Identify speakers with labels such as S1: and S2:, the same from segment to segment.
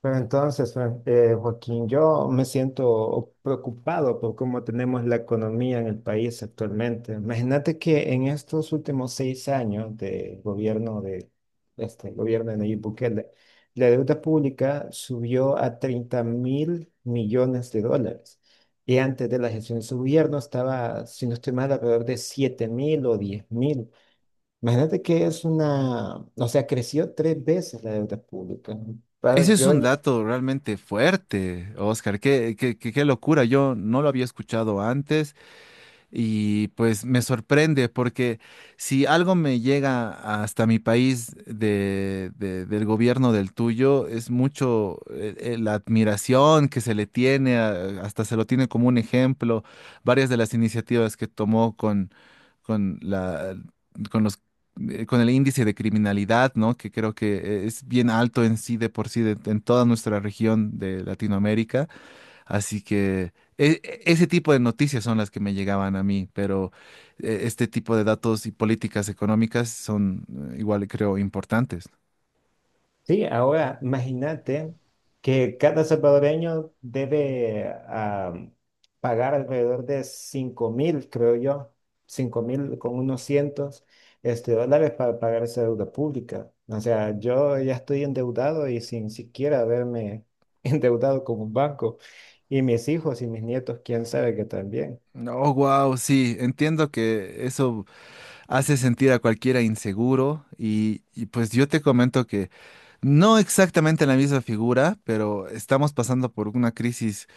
S1: Pero entonces, Joaquín, yo me siento preocupado por cómo tenemos la economía en el país actualmente. Imagínate que en estos últimos 6 años de gobierno de este gobierno de Nayib Bukele, la deuda pública subió a 30.000 millones de dólares. Y antes de la gestión de su gobierno estaba, si no estoy mal, alrededor de 7.000 o 10.000. Imagínate que es una, o sea, creció tres veces la deuda pública.
S2: Ese
S1: Pa-
S2: es
S1: Yo
S2: un dato realmente fuerte, Oscar. Qué locura. Yo no lo había escuchado antes. Y pues me sorprende porque si algo me llega hasta mi país del gobierno del tuyo, es mucho la admiración que se le tiene, hasta se lo tiene como un ejemplo, varias de las iniciativas que tomó con la, con los, con el índice de criminalidad, ¿no? Que creo que es bien alto en sí de por sí en toda nuestra región de Latinoamérica. Así que ese tipo de noticias son las que me llegaban a mí, pero este tipo de datos y políticas económicas son igual, creo, importantes.
S1: Sí, ahora imagínate que cada salvadoreño debe pagar alrededor de 5.000, creo yo, 5.000 con unos cientos dólares para pagar esa deuda pública. O sea, yo ya estoy endeudado y sin siquiera haberme endeudado con un banco. Y mis hijos y mis nietos, quién sabe que también.
S2: Oh, wow, sí, entiendo que eso hace sentir a cualquiera inseguro y pues yo te comento que no exactamente la misma figura, pero estamos pasando por una crisis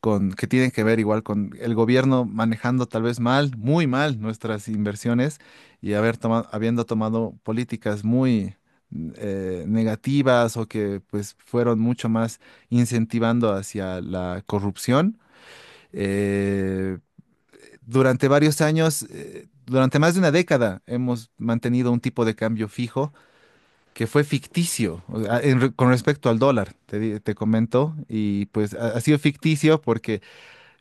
S2: con, que tienen que ver igual con el gobierno manejando tal vez mal, muy mal nuestras inversiones y habiendo tomado políticas muy negativas o que pues fueron mucho más incentivando hacia la corrupción. Eh, Durante varios años, durante más de una década, hemos mantenido un tipo de cambio fijo que fue ficticio, o sea, con respecto al dólar, te comento, y pues ha sido ficticio porque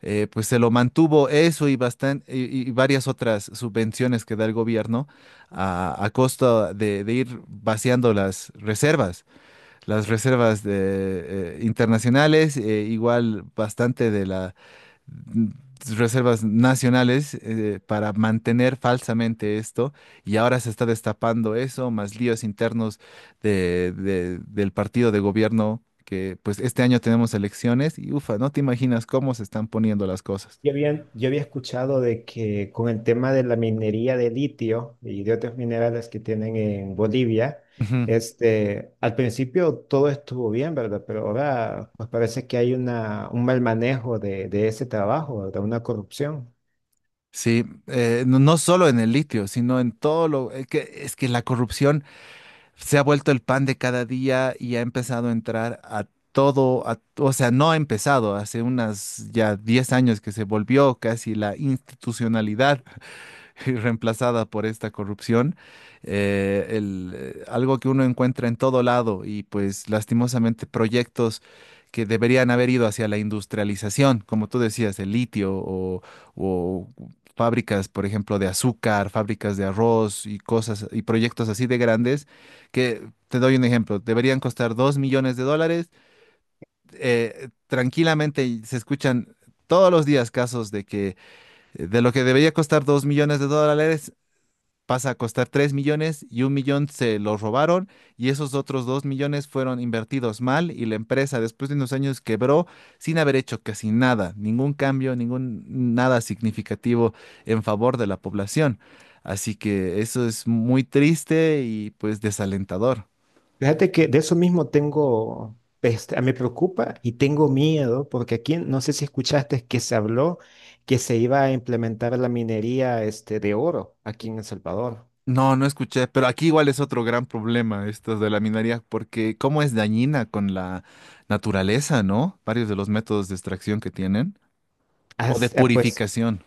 S2: pues se lo mantuvo eso y, y varias otras subvenciones que da el gobierno a costa de ir vaciando las reservas de, internacionales, igual bastante de la reservas nacionales para mantener falsamente esto y ahora se está destapando eso, más líos internos del partido de gobierno, que pues este año tenemos elecciones y ufa, no te imaginas cómo se están poniendo las cosas.
S1: Yo había escuchado de que con el tema de la minería de litio y de otros minerales que tienen en Bolivia,
S2: Ujú.
S1: este, al principio todo estuvo bien, ¿verdad? Pero ahora pues parece que hay una, un mal manejo de ese trabajo, ¿verdad? Una corrupción.
S2: Sí, no, no solo en el litio, sino en todo lo que es que la corrupción se ha vuelto el pan de cada día y ha empezado a entrar a todo, o sea, no ha empezado, hace unas ya 10 años que se volvió casi la institucionalidad y reemplazada por esta corrupción, algo que uno encuentra en todo lado. Y pues lastimosamente proyectos que deberían haber ido hacia la industrialización, como tú decías, el litio o fábricas, por ejemplo, de azúcar, fábricas de arroz y cosas y proyectos así de grandes que, te doy un ejemplo, deberían costar $2 millones. Tranquilamente, y se escuchan todos los días casos de que de lo que debería costar $2 millones, pasa a costar 3 millones y 1 millón se lo robaron y esos otros 2 millones fueron invertidos mal y la empresa después de unos años quebró sin haber hecho casi nada, ningún cambio, ningún nada significativo en favor de la población. Así que eso es muy triste y pues desalentador.
S1: Fíjate que de eso mismo tengo, este, me preocupa y tengo miedo, porque aquí no sé si escuchaste que se habló que se iba a implementar la minería, este, de oro aquí en El Salvador.
S2: No, no escuché, pero aquí igual es otro gran problema esto de la minería, porque cómo es dañina con la naturaleza, ¿no? Varios de los métodos de extracción que tienen o de
S1: As- eh, Pues
S2: purificación.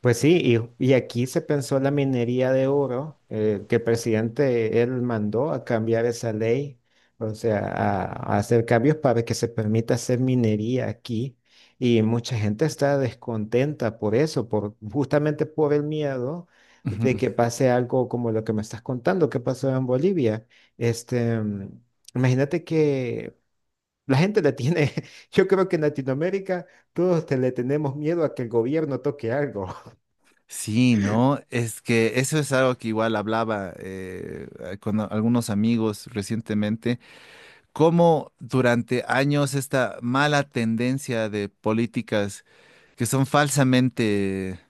S1: Pues sí, y aquí se pensó la minería de oro, que el presidente él mandó a cambiar esa ley, o sea, a hacer cambios para que se permita hacer minería aquí. Y mucha gente está descontenta por eso, por, justamente por el miedo de
S2: Ujú.
S1: que pase algo como lo que me estás contando, que pasó en Bolivia. Este, imagínate que la gente le tiene, yo creo que en Latinoamérica le tenemos miedo a que el gobierno toque algo.
S2: Sí, ¿no? Es que eso es algo que igual hablaba con algunos amigos recientemente, cómo durante años esta mala tendencia de políticas que son falsamente,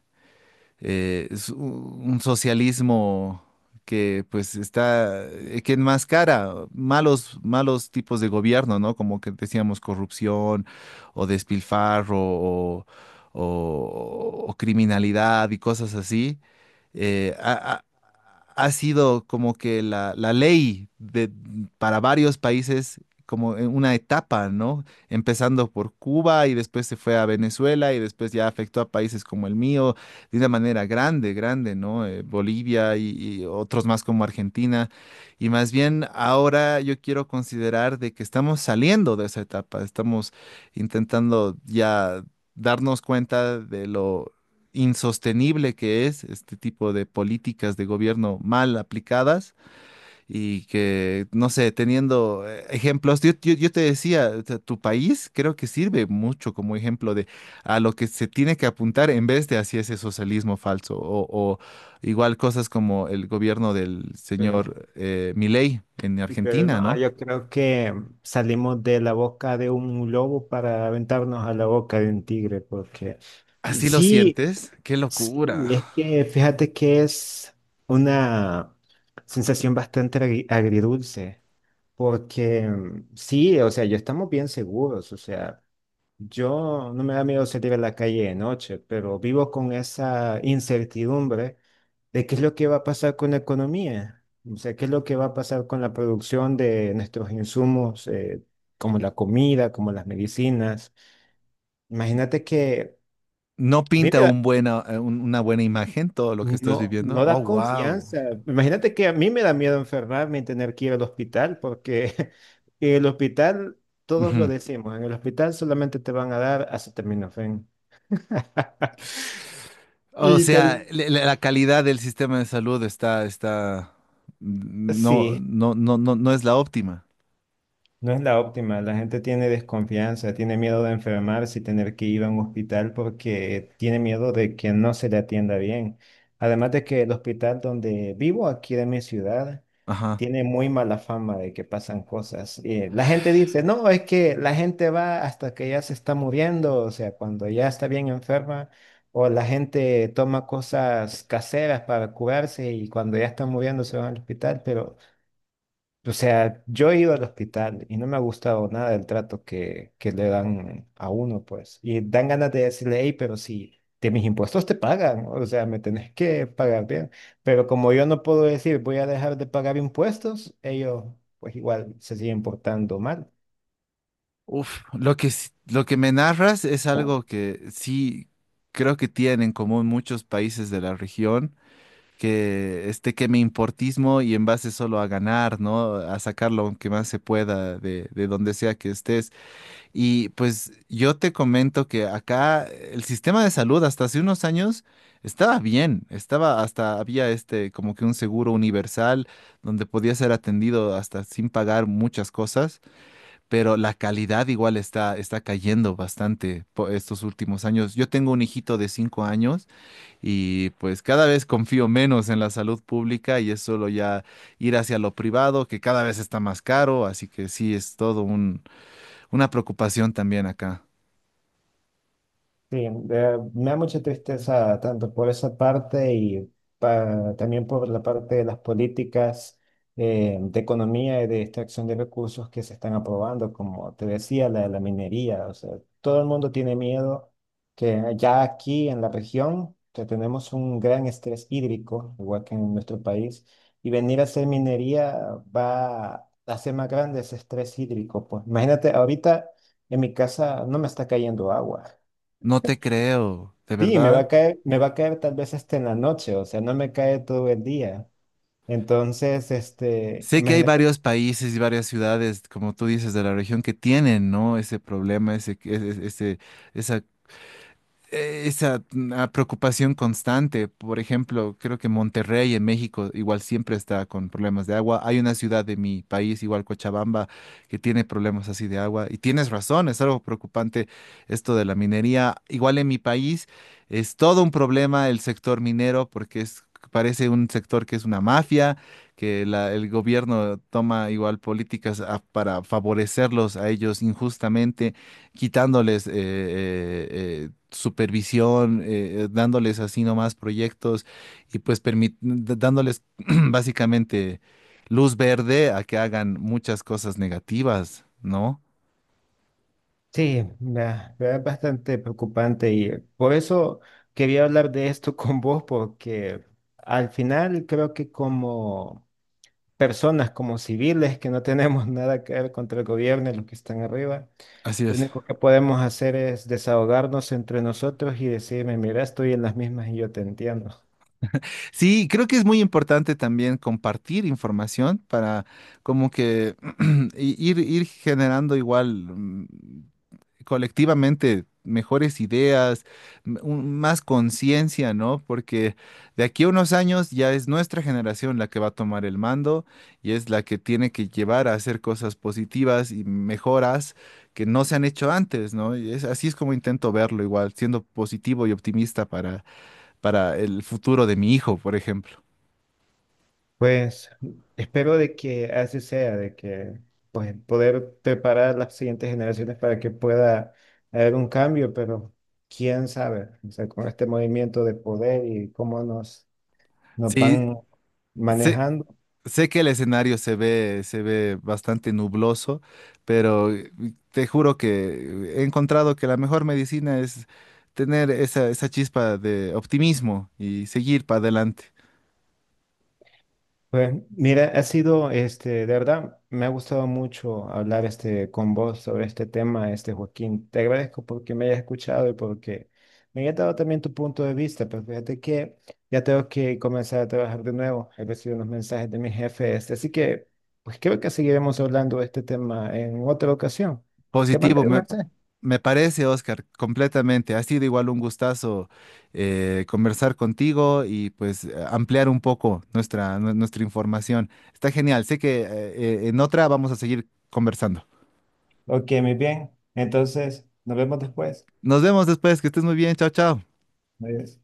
S2: es un socialismo que pues está, que enmascara malos, malos tipos de gobierno, ¿no? Como que decíamos corrupción o despilfarro o, o criminalidad y cosas así. Eh, ha, ha- Ha sido como que la ley de, para varios países, como en una etapa, ¿no? Empezando por Cuba y después se fue a Venezuela y después ya afectó a países como el mío, de una manera grande, grande, ¿no? Bolivia y otros más como Argentina. Y más bien ahora yo quiero considerar de que estamos saliendo de esa etapa, estamos intentando ya darnos cuenta de lo insostenible que es este tipo de políticas de gobierno mal aplicadas. Y que, no sé, teniendo ejemplos, yo te decía, o sea, tu país creo que sirve mucho como ejemplo de a lo que se tiene que apuntar en vez de hacia ese socialismo falso, o igual cosas como el gobierno del
S1: Pero
S2: señor Milei en
S1: Pero
S2: Argentina,
S1: no,
S2: ¿no?
S1: yo creo que salimos de la boca de un lobo para aventarnos a la boca de un tigre, porque
S2: Así lo
S1: sí,
S2: sientes, qué
S1: sí,
S2: locura.
S1: es que fíjate que es una sensación bastante agridulce, porque sí, o sea, yo estamos bien seguros, o sea, yo no me da miedo salir a la calle de noche, pero vivo con esa incertidumbre de qué es lo que va a pasar con la economía, o sea, qué es lo que va a pasar con la producción de nuestros insumos, como la comida, como las medicinas. Imagínate que
S2: No
S1: a mí me
S2: pinta
S1: da,
S2: un buena, una buena imagen todo lo que estás
S1: no,
S2: viviendo.
S1: no
S2: Oh,
S1: da
S2: wow.
S1: confianza. Imagínate que a mí me da miedo enfermarme y tener que ir al hospital, porque el hospital, todos lo decimos, en el hospital solamente te van a dar acetaminofén.
S2: O
S1: Y tal,
S2: sea, la calidad del sistema de salud está, está, no,
S1: sí.
S2: no, no, no, no es la óptima.
S1: No es la óptima, la gente tiene desconfianza, tiene miedo de enfermarse y tener que ir a un hospital porque tiene miedo de que no se le atienda bien. Además de que el hospital donde vivo, aquí de mi ciudad,
S2: Ajá.
S1: tiene muy mala fama de que pasan cosas. La gente dice, no, es que la gente va hasta que ya se está muriendo, o sea, cuando ya está bien enferma, o la gente toma cosas caseras para curarse y cuando ya está muriendo se va al hospital, pero... O sea, yo he ido al hospital y no me ha gustado nada el trato que le dan a uno, pues. Y dan ganas de decirle, hey, pero si de mis impuestos te pagan, o sea, me tenés que pagar bien. Pero como yo no puedo decir, voy a dejar de pagar impuestos, ellos pues igual se siguen portando mal.
S2: Uf, lo que, lo que me narras es algo que sí creo que tienen en común muchos países de la región, que este que me importismo y en base solo a ganar, ¿no? A sacar lo que más se pueda de donde sea que estés. Y pues yo te comento que acá el sistema de salud hasta hace unos años estaba bien, estaba, hasta había este como que un seguro universal donde podía ser atendido hasta sin pagar muchas cosas, pero la calidad igual está cayendo bastante por estos últimos años. Yo tengo un hijito de 5 años y pues cada vez confío menos en la salud pública y es solo ya ir hacia lo privado, que cada vez está más caro, así que sí es todo un una preocupación también acá.
S1: Sí, me da mucha tristeza tanto por esa parte y también por la parte de las políticas de economía y de extracción de recursos que se están aprobando, como te decía, la de la minería. O sea, todo el mundo tiene miedo que ya aquí en la región que tenemos un gran estrés hídrico, igual que en nuestro país, y venir a hacer minería va a hacer más grande ese estrés hídrico. Pues imagínate, ahorita en mi casa no me está cayendo agua.
S2: No te creo, de
S1: Sí, me va
S2: verdad.
S1: a caer, me va a caer tal vez este en la noche, o sea, no me cae todo el día. Entonces, este,
S2: Sé que hay
S1: imagínate,
S2: varios países y varias ciudades, como tú dices, de la región que tienen, ¿no? Ese problema, esa esa preocupación constante. Por ejemplo, creo que Monterrey en México igual siempre está con problemas de agua. Hay una ciudad de mi país, igual Cochabamba, que tiene problemas así de agua. Y tienes razón, es algo preocupante esto de la minería. Igual en mi país es todo un problema el sector minero porque es... Parece un sector que es una mafia, que el gobierno toma igual políticas para favorecerlos a ellos injustamente, quitándoles supervisión, dándoles así nomás proyectos y pues dándoles básicamente luz verde a que hagan muchas cosas negativas, ¿no?
S1: sí, me es bastante preocupante y por eso quería hablar de esto con vos, porque al final creo que como personas, como civiles que no tenemos nada que ver contra el gobierno y los que están arriba,
S2: Así
S1: lo
S2: es.
S1: único que podemos hacer es desahogarnos entre nosotros y decirme, mira, estoy en las mismas y yo te entiendo.
S2: Sí, creo que es muy importante también compartir información para como que ir generando igual colectivamente mejores ideas, más conciencia, ¿no? Porque de aquí a unos años ya es nuestra generación la que va a tomar el mando y es la que tiene que llevar a hacer cosas positivas y mejoras que no se han hecho antes, ¿no? Y es, así es como intento verlo igual, siendo positivo y optimista para el futuro de mi hijo, por ejemplo.
S1: Pues espero de que así sea, de que pues poder preparar las siguientes generaciones para que pueda haber un cambio, pero quién sabe, o sea, con este movimiento de poder y cómo nos,
S2: Sí,
S1: van
S2: sí.
S1: manejando.
S2: Sé que el escenario se ve bastante nubloso, pero te juro que he encontrado que la mejor medicina es tener esa, esa chispa de optimismo y seguir para adelante.
S1: Pues mira, ha sido, este, de verdad, me ha gustado mucho hablar este, con vos sobre este tema, este Joaquín. Te agradezco porque me hayas escuchado y porque me hayas dado también tu punto de vista, pero fíjate que ya tengo que comenzar a trabajar de nuevo. He recibido unos mensajes de mi jefe, este, así que pues creo que seguiremos hablando de este tema en otra ocasión. ¿Te
S2: Positivo,
S1: mandaré un
S2: me,
S1: mensaje?
S2: me parece, Oscar, completamente. Ha sido igual un gustazo conversar contigo y pues ampliar un poco nuestra, nuestra información. Está genial. Sé que en otra vamos a seguir conversando.
S1: Ok, muy bien. Entonces, nos vemos después.
S2: Nos vemos después, que estés muy bien. Chao, chao.
S1: Adiós.